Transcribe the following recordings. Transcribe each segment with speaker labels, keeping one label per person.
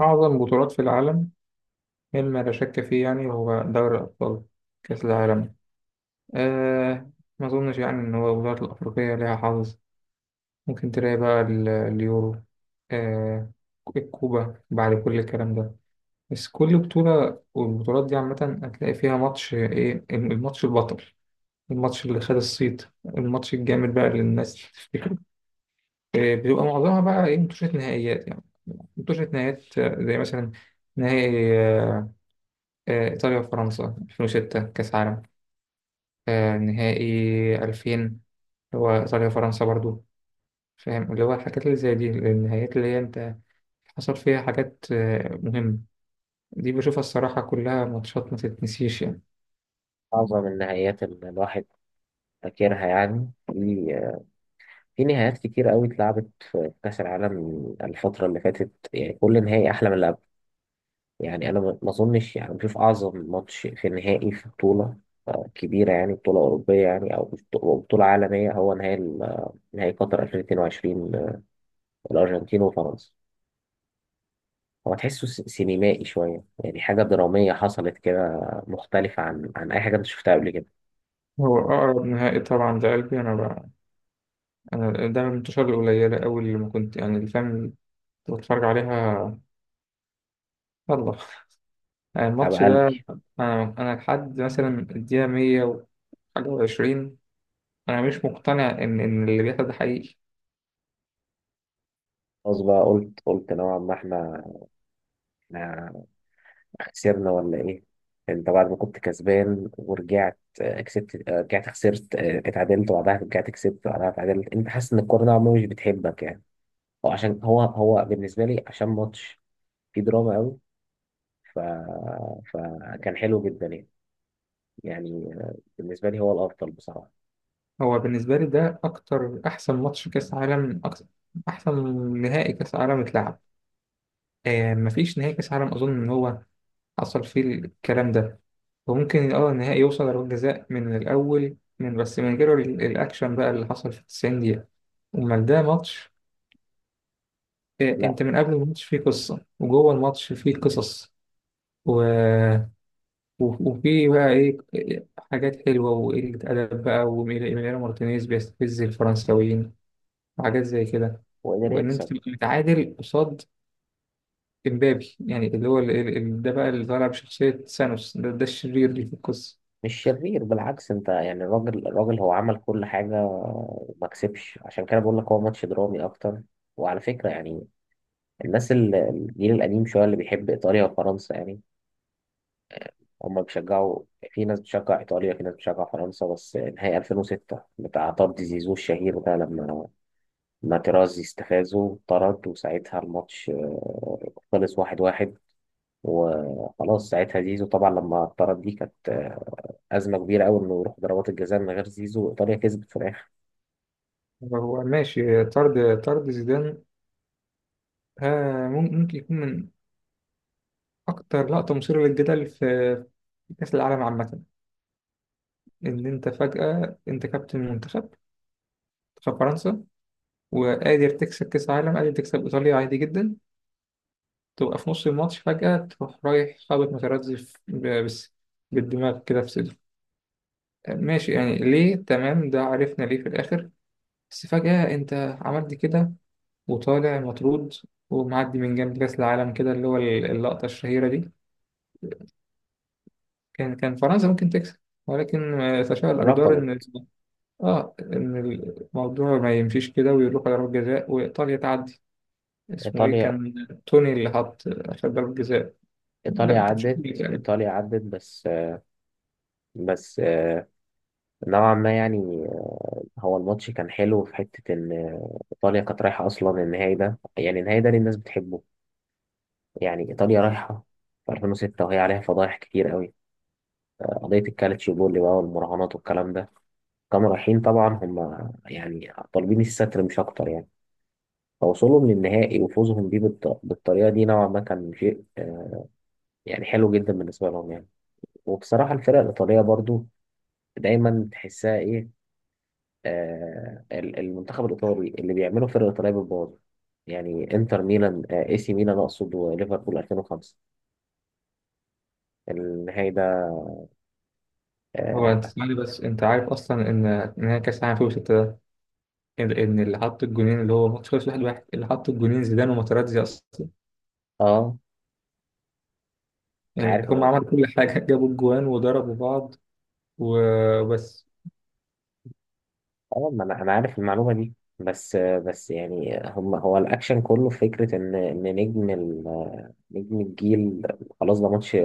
Speaker 1: أعظم بطولات في العالم مما لا شك فيه يعني هو دوري الأبطال، كأس العالم. أه ما أظنش يعني إن هو البطولات الأفريقية ليها حظ. ممكن تلاقي بقى اليورو، أه الكوبا، بعد كل الكلام ده. بس كل بطولة، والبطولات دي عامة هتلاقي فيها ماتش، إيه الماتش البطل، الماتش اللي خد الصيت، الماتش الجامد بقى اللي الناس تفتكره. بيبقى معظمها بقى إيه، ماتشات نهائيات يعني. ماتشات نهائيات زي مثلا نهائي، إيطاليا وفرنسا 2006 كأس عالم، نهائي 2000، هو إيطاليا وفرنسا برضو. فاهم اللي هو الحاجات اللي زي دي، النهايات اللي هي أنت حصل فيها حاجات مهمة. دي بشوفها الصراحة كلها ماتشات ما تتنسيش يعني.
Speaker 2: أعظم النهايات اللي الواحد فاكرها يعني في نهايات كتير قوي اتلعبت في كأس العالم الفترة اللي فاتت. يعني كل نهائي أحلى من اللي قبل. يعني أنا ما أظنش يعني بشوف أعظم ماتش في نهائي في بطولة كبيرة، يعني بطولة أوروبية يعني أو بطولة عالمية. هو نهائي نهائي قطر 2022، الأرجنتين وفرنسا. هو تحسه سينمائي شوية، يعني حاجة درامية حصلت كده، مختلفة عن أي حاجة أنت شفتها قبل كده.
Speaker 1: هو أقرب نهائي طبعا لقلبي أنا بقى، أنا ده من الماتشات القليلة أوي اللي ما كنت يعني، اللي فاهم اللي كنت بتفرج عليها. يلا يعني
Speaker 2: على
Speaker 1: الماتش ده.
Speaker 2: قلبي.
Speaker 1: أنا لحد مثلا الدقيقة 100 وحاجة وعشرين، أنا مش مقتنع إن اللي بيحصل ده حقيقي.
Speaker 2: خلاص بقى، قلت نوعا ما إحنا خسرنا ولا ايه؟ انت بعد ما كنت كسبان ورجعت، كسبت، رجعت خسرت، اتعادلت، وبعدها رجعت كسبت، وبعدها اتعادلت، انت حاسس ان الكوره نوعا ما مش بتحبك يعني. هو عشان هو بالنسبه لي عشان ماتش فيه دراما قوي. ف... فكان حلو جدا يعني. يعني بالنسبه لي هو الافضل بصراحه.
Speaker 1: هو بالنسبة لي ده أكتر، أحسن ماتش كأس عالم، أكتر، أحسن نهائي كأس عالم اتلعب. آه، مفيش نهائي كأس عالم أظن إن هو حصل فيه الكلام ده. وممكن النهائي يوصل لضربات جزاء من الأول من بس، من غير الأكشن بقى اللي حصل في 90 دقيقة. أمال ده ماتش، آه
Speaker 2: لا،
Speaker 1: أنت من قبل الماتش فيه قصة، وجوه الماتش فيه قصص، و... و- وفيه بقى إيه، حاجات حلوة وقلة أدب بقى، وميليانو مارتينيز بيستفز الفرنساويين وحاجات زي كده.
Speaker 2: هو قدر
Speaker 1: وان انت
Speaker 2: يكسب.
Speaker 1: تبقى متعادل قصاد امبابي، يعني اللي هو ده بقى اللي طالع بشخصية سانوس، ده الشرير اللي في القصة.
Speaker 2: مش شرير، بالعكس، انت يعني الراجل الراجل هو عمل كل حاجه وما كسبش، عشان كده بقول لك هو ماتش درامي اكتر. وعلى فكره يعني، الناس الجيل القديم شوية اللي بيحب إيطاليا وفرنسا، يعني هم بيشجعوا. في ناس بتشجع إيطاليا، في ناس بتشجع فرنسا، بس نهائي 2006 بتاع طرد زيزو الشهير ده، لما ما تيرازي استفازه طرد، وساعتها الماتش خلص 1-1، وخلاص. ساعتها زيزو طبعا لما اتطرد دي كانت أزمة كبيرة أوي إنه يروح ضربات الجزاء من غير زيزو. إيطاليا كسبت في الآخر.
Speaker 1: هو ماشي، طرد زيدان. ها، ممكن يكون من أكتر لقطة مثيرة للجدل في، في كأس العالم عامة، إن أنت فجأة أنت كابتن منتخب، منتخب فرنسا، وقادر تكسب كأس العالم، قادر تكسب إيطاليا عادي جدا، تبقى في نص الماتش فجأة تروح رايح خابط مترزف بس بالدماغ كده في صدره. ماشي يعني ليه، تمام، ده عرفنا ليه في الآخر، بس فجأة أنت عملت كده، وطالع مطرود ومعدي من جنب كأس العالم كده، اللي هو اللقطة الشهيرة دي. كان فرنسا ممكن تكسب، ولكن تشاء الأقدار إن،
Speaker 2: رفضت.
Speaker 1: إن الموضوع ما يمشيش كده ويروح على ضربة جزاء وإيطاليا تعدي. اسمه إيه
Speaker 2: إيطاليا
Speaker 1: كان، توني اللي حط عشان ضربة جزاء. لا،
Speaker 2: إيطاليا
Speaker 1: ما كانش
Speaker 2: عدت.
Speaker 1: توني تقريبا.
Speaker 2: إيطاليا عدت، بس نوعا ما يعني. هو الماتش كان حلو في حتة إن إيطاليا كانت رايحة أصلا النهائي ده، يعني النهائي ده اللي الناس بتحبه. يعني إيطاليا رايحة في 2006 وهي عليها فضايح كتير قوي، قضية الكالتشيوبولي بقى والمراهنات والكلام ده. كانوا رايحين طبعا هم يعني طالبين الستر مش أكتر يعني. فوصولهم للنهائي وفوزهم بيه بالطريقة دي نوعا ما كان شيء، يعني حلو جدا بالنسبة لهم يعني. وبصراحة الفرق الإيطالية برضو دايما تحسها إيه، المنتخب الإيطالي اللي بيعمله فرقة إيطالية بالباور. يعني انتر ميلان، اي سي ميلان اقصد، وليفربول 2005، النهائي ده.
Speaker 1: هو أنت
Speaker 2: اه.
Speaker 1: تسألني بس أنت عارف أصلا إن هي كأس العالم في، ان إن اللي حط الجونين اللي هو ماتش خلص واحد واحد، اللي حط الجونين زيدان وماتراتزي اصلا.
Speaker 2: آه،
Speaker 1: يعني
Speaker 2: عارف
Speaker 1: هم عملوا كل حاجه جابوا الجوان وضربوا بعض وبس.
Speaker 2: ما انا، عارف المعلومة دي. بس يعني هم، هو الاكشن كله في فكرة ان نجم نجم الجيل. خلاص، ده ماتش،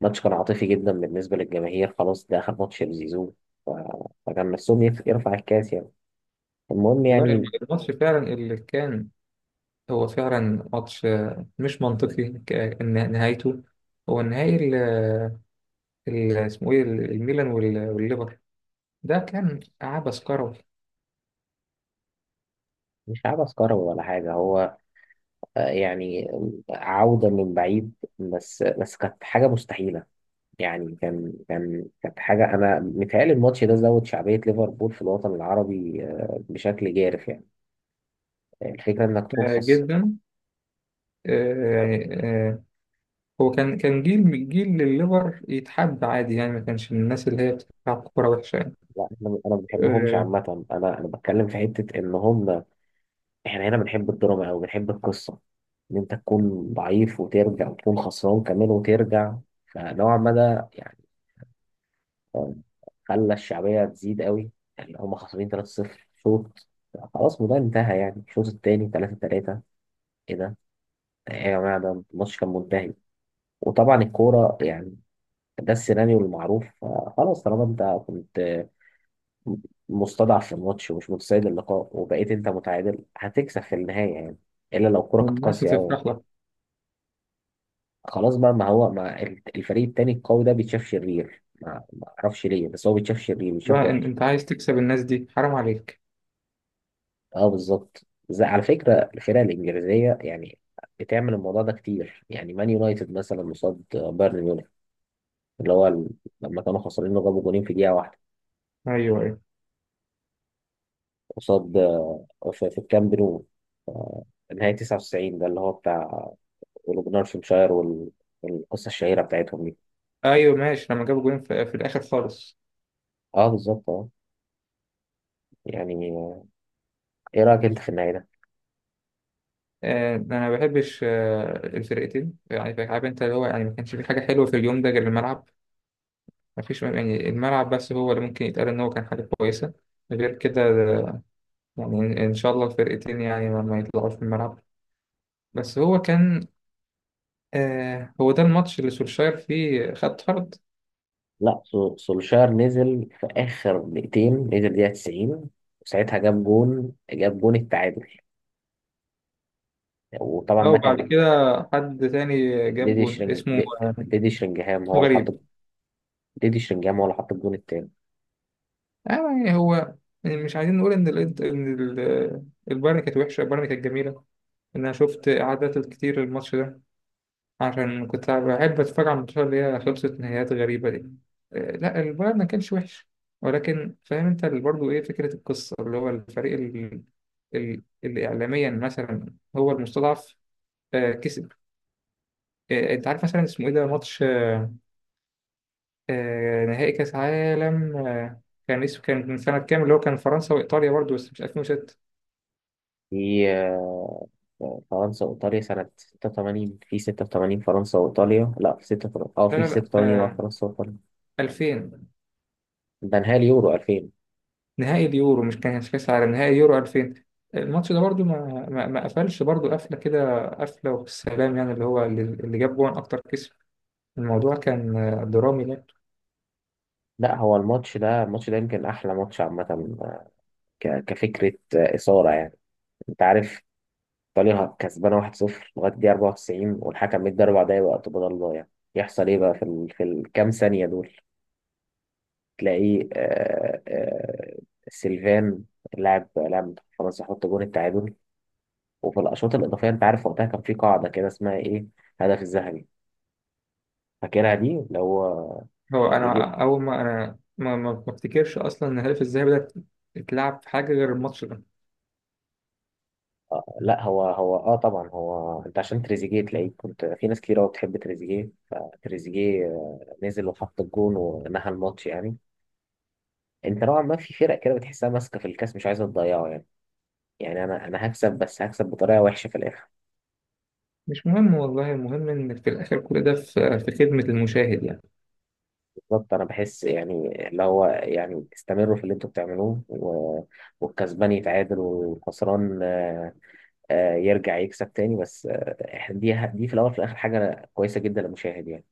Speaker 2: كان عاطفي جدا بالنسبة للجماهير. خلاص، ده اخر ماتش لزيزو. ف- فكان نفسهم يرفع الكاس يعني. المهم
Speaker 1: والله
Speaker 2: يعني.
Speaker 1: الماتش فعلا اللي كان، هو فعلا ماتش مش منطقي، إن نهايته، هو النهائي اسمه ايه، الميلان والليفر، ده كان عبث كروي.
Speaker 2: مش عبث كروي ولا حاجة، هو يعني عودة من بعيد، بس كانت حاجة مستحيلة. يعني كان كانت حاجة، أنا متهيألي الماتش ده زود شعبية ليفربول في الوطن العربي بشكل جارف يعني. يعني الفكرة إنك تكون خاص.
Speaker 1: جدا، آه، يعني آه، هو كان جيل الليفر يتحب عادي يعني، ما كانش من الناس اللي هي بتلعب كوره وحشه يعني.
Speaker 2: لا، أنا ما بحبهمش
Speaker 1: آه،
Speaker 2: عامة. أنا بتكلم في حتة إن هم، إحنا هنا بنحب الدراما أو بنحب القصة، إن أنت تكون ضعيف وترجع، وتكون خسران كمان وترجع. فنوعا ما ده يعني خلى الشعبية تزيد قوي. يعني هم خسرانين 3-0 شوط، خلاص الموضوع انتهى. يعني الشوط التاني 3-3، ايه ده؟ ايه يا جماعة؟ ده الماتش كان منتهي. وطبعا الكورة يعني، ده السيناريو المعروف. خلاص، طالما انت كنت مستضعف في الماتش ومش متسيد اللقاء وبقيت انت متعادل، هتكسب في النهاية يعني، الا لو الكورة كانت
Speaker 1: والناس
Speaker 2: قاسية قوي.
Speaker 1: هتفرح لك
Speaker 2: خلاص بقى. ما هو، ما الفريق التاني القوي ده بيتشاف شرير، ما اعرفش ليه، بس هو بيتشاف شرير، بيتشاف
Speaker 1: بقى.
Speaker 2: وحش.
Speaker 1: انت عايز تكسب الناس دي، حرام عليك.
Speaker 2: اه، بالظبط. زي على فكرة الفرق الإنجليزية يعني، بتعمل الموضوع ده كتير. يعني مان يونايتد مثلا قصاد بايرن ميونخ، اللي هو لما كانوا خسرانين وجابوا جولين في دقيقة واحدة،
Speaker 1: ايوه ايوه
Speaker 2: قصاد، في الكامب نو، آه، نهاية 99. ده اللي هو بتاع أولوجنارشنشاير والقصة الشهيرة بتاعتهم دي.
Speaker 1: ايوه، ماشي، لما جابوا جولين في الاخر خالص.
Speaker 2: اه، بالظبط، اه. يعني ايه رأيك انت في النهاية ده؟
Speaker 1: آه، انا ما بحبش الفرقتين، يعني عارف انت اللي هو يعني، ما كانش في حاجه حلوه في اليوم ده غير الملعب. ما فيش يعني، الملعب بس هو اللي ممكن يتقال ان هو كان حاجه كويسه، غير كده يعني ان إن شاء الله الفرقتين يعني ما يطلعوش في الملعب. بس هو كان، هو ده الماتش اللي سولشاير فيه خد طرد،
Speaker 2: لا، سولشاير نزل في آخر دقيقتين، نزل دقيقة 90، وساعتها جاب جون، جاب جون التعادل. وطبعا ده
Speaker 1: او بعد
Speaker 2: كان
Speaker 1: كده حد تاني جاب
Speaker 2: ديدي
Speaker 1: جول اسمه
Speaker 2: ديدي شرينجهام هو
Speaker 1: اسمه
Speaker 2: اللي حط.
Speaker 1: غريب.
Speaker 2: ديدي شرينجهام هو اللي حط الجون التاني.
Speaker 1: يعني هو، مش عايزين نقول ان ان البايرن كانت وحشه، البايرن كانت جميله، ان انا شفت اعادات كتير الماتش ده عشان كنت بحب اتفرج على الماتشات اللي هي خلصت نهايات غريبه دي. لا، البايرن ما كانش وحش، ولكن فاهم انت برضه ايه فكره القصه، اللي هو الفريق اللي اعلاميا مثلا هو المستضعف كسب. انت عارف مثلا اسمه ايه، ده ماتش نهائي كاس عالم، كان اسمه، كان من سنه كام، اللي هو كان فرنسا وايطاليا برضه بس مش 2006.
Speaker 2: في فرنسا وإيطاليا سنة 86، في 86 فرنسا وإيطاليا. لا، في 6
Speaker 1: لا
Speaker 2: في
Speaker 1: لا لا،
Speaker 2: 86، اه، فرنسا وإيطاليا،
Speaker 1: 2000،
Speaker 2: ده نهائي اليورو 2000.
Speaker 1: نهائي اليورو مش كان كاس عالم، نهائي يورو 2000. الماتش ده برضو، ما قفلش برضو، قفله كده، قفله وبالسلام يعني، اللي هو اللي جاب جون اكتر كسب. الموضوع كان درامي، لا.
Speaker 2: لا، هو الماتش ده يمكن أحلى ماتش عامة، آه، كفكرة، إثارة يعني. أنت عارف، إيطاليا كسبانة 1-0 لغاية دقيقة 94، والحكم مدي 4 دقايق وقت بدل ضايع. يحصل إيه بقى في في الكام ثانية دول؟ تلاقي سيلفان، لاعب فرنسا، حط جون التعادل. وفي الاشواط الاضافيه، انت عارف وقتها كان في قاعده كده اسمها ايه، هدف الذهبي، فاكرها دي، اللي هو
Speaker 1: هو
Speaker 2: اللي جيب.
Speaker 1: انا اول ما انا، ما افتكرش اصلا ان الهدف الذهبي ده اتلعب في حاجه غير الماتش ده.
Speaker 2: لا، هو طبعا. هو انت عشان تريزيجيه تلاقيه، كنت في ناس كتير قوي بتحب تريزيجيه، فتريزيجيه نزل وحط الجون ونهى الماتش يعني. انت نوعا ما في فرق كده بتحسها ماسكه في الكاس مش عايزه تضيعه يعني. يعني انا هكسب، بس هكسب بطريقه وحشه في الاخر.
Speaker 1: مش مهم والله، المهم ان في الاخر كل ده في، في خدمه المشاهد يعني.
Speaker 2: بالظبط. انا بحس يعني اللي هو، يعني استمروا في اللي انتوا بتعملوه والكسبان يتعادل، والخسران يرجع يكسب تاني، بس آه، إحنا دي في الاول وفي الاخر حاجه كويسه جدا للمشاهد يعني.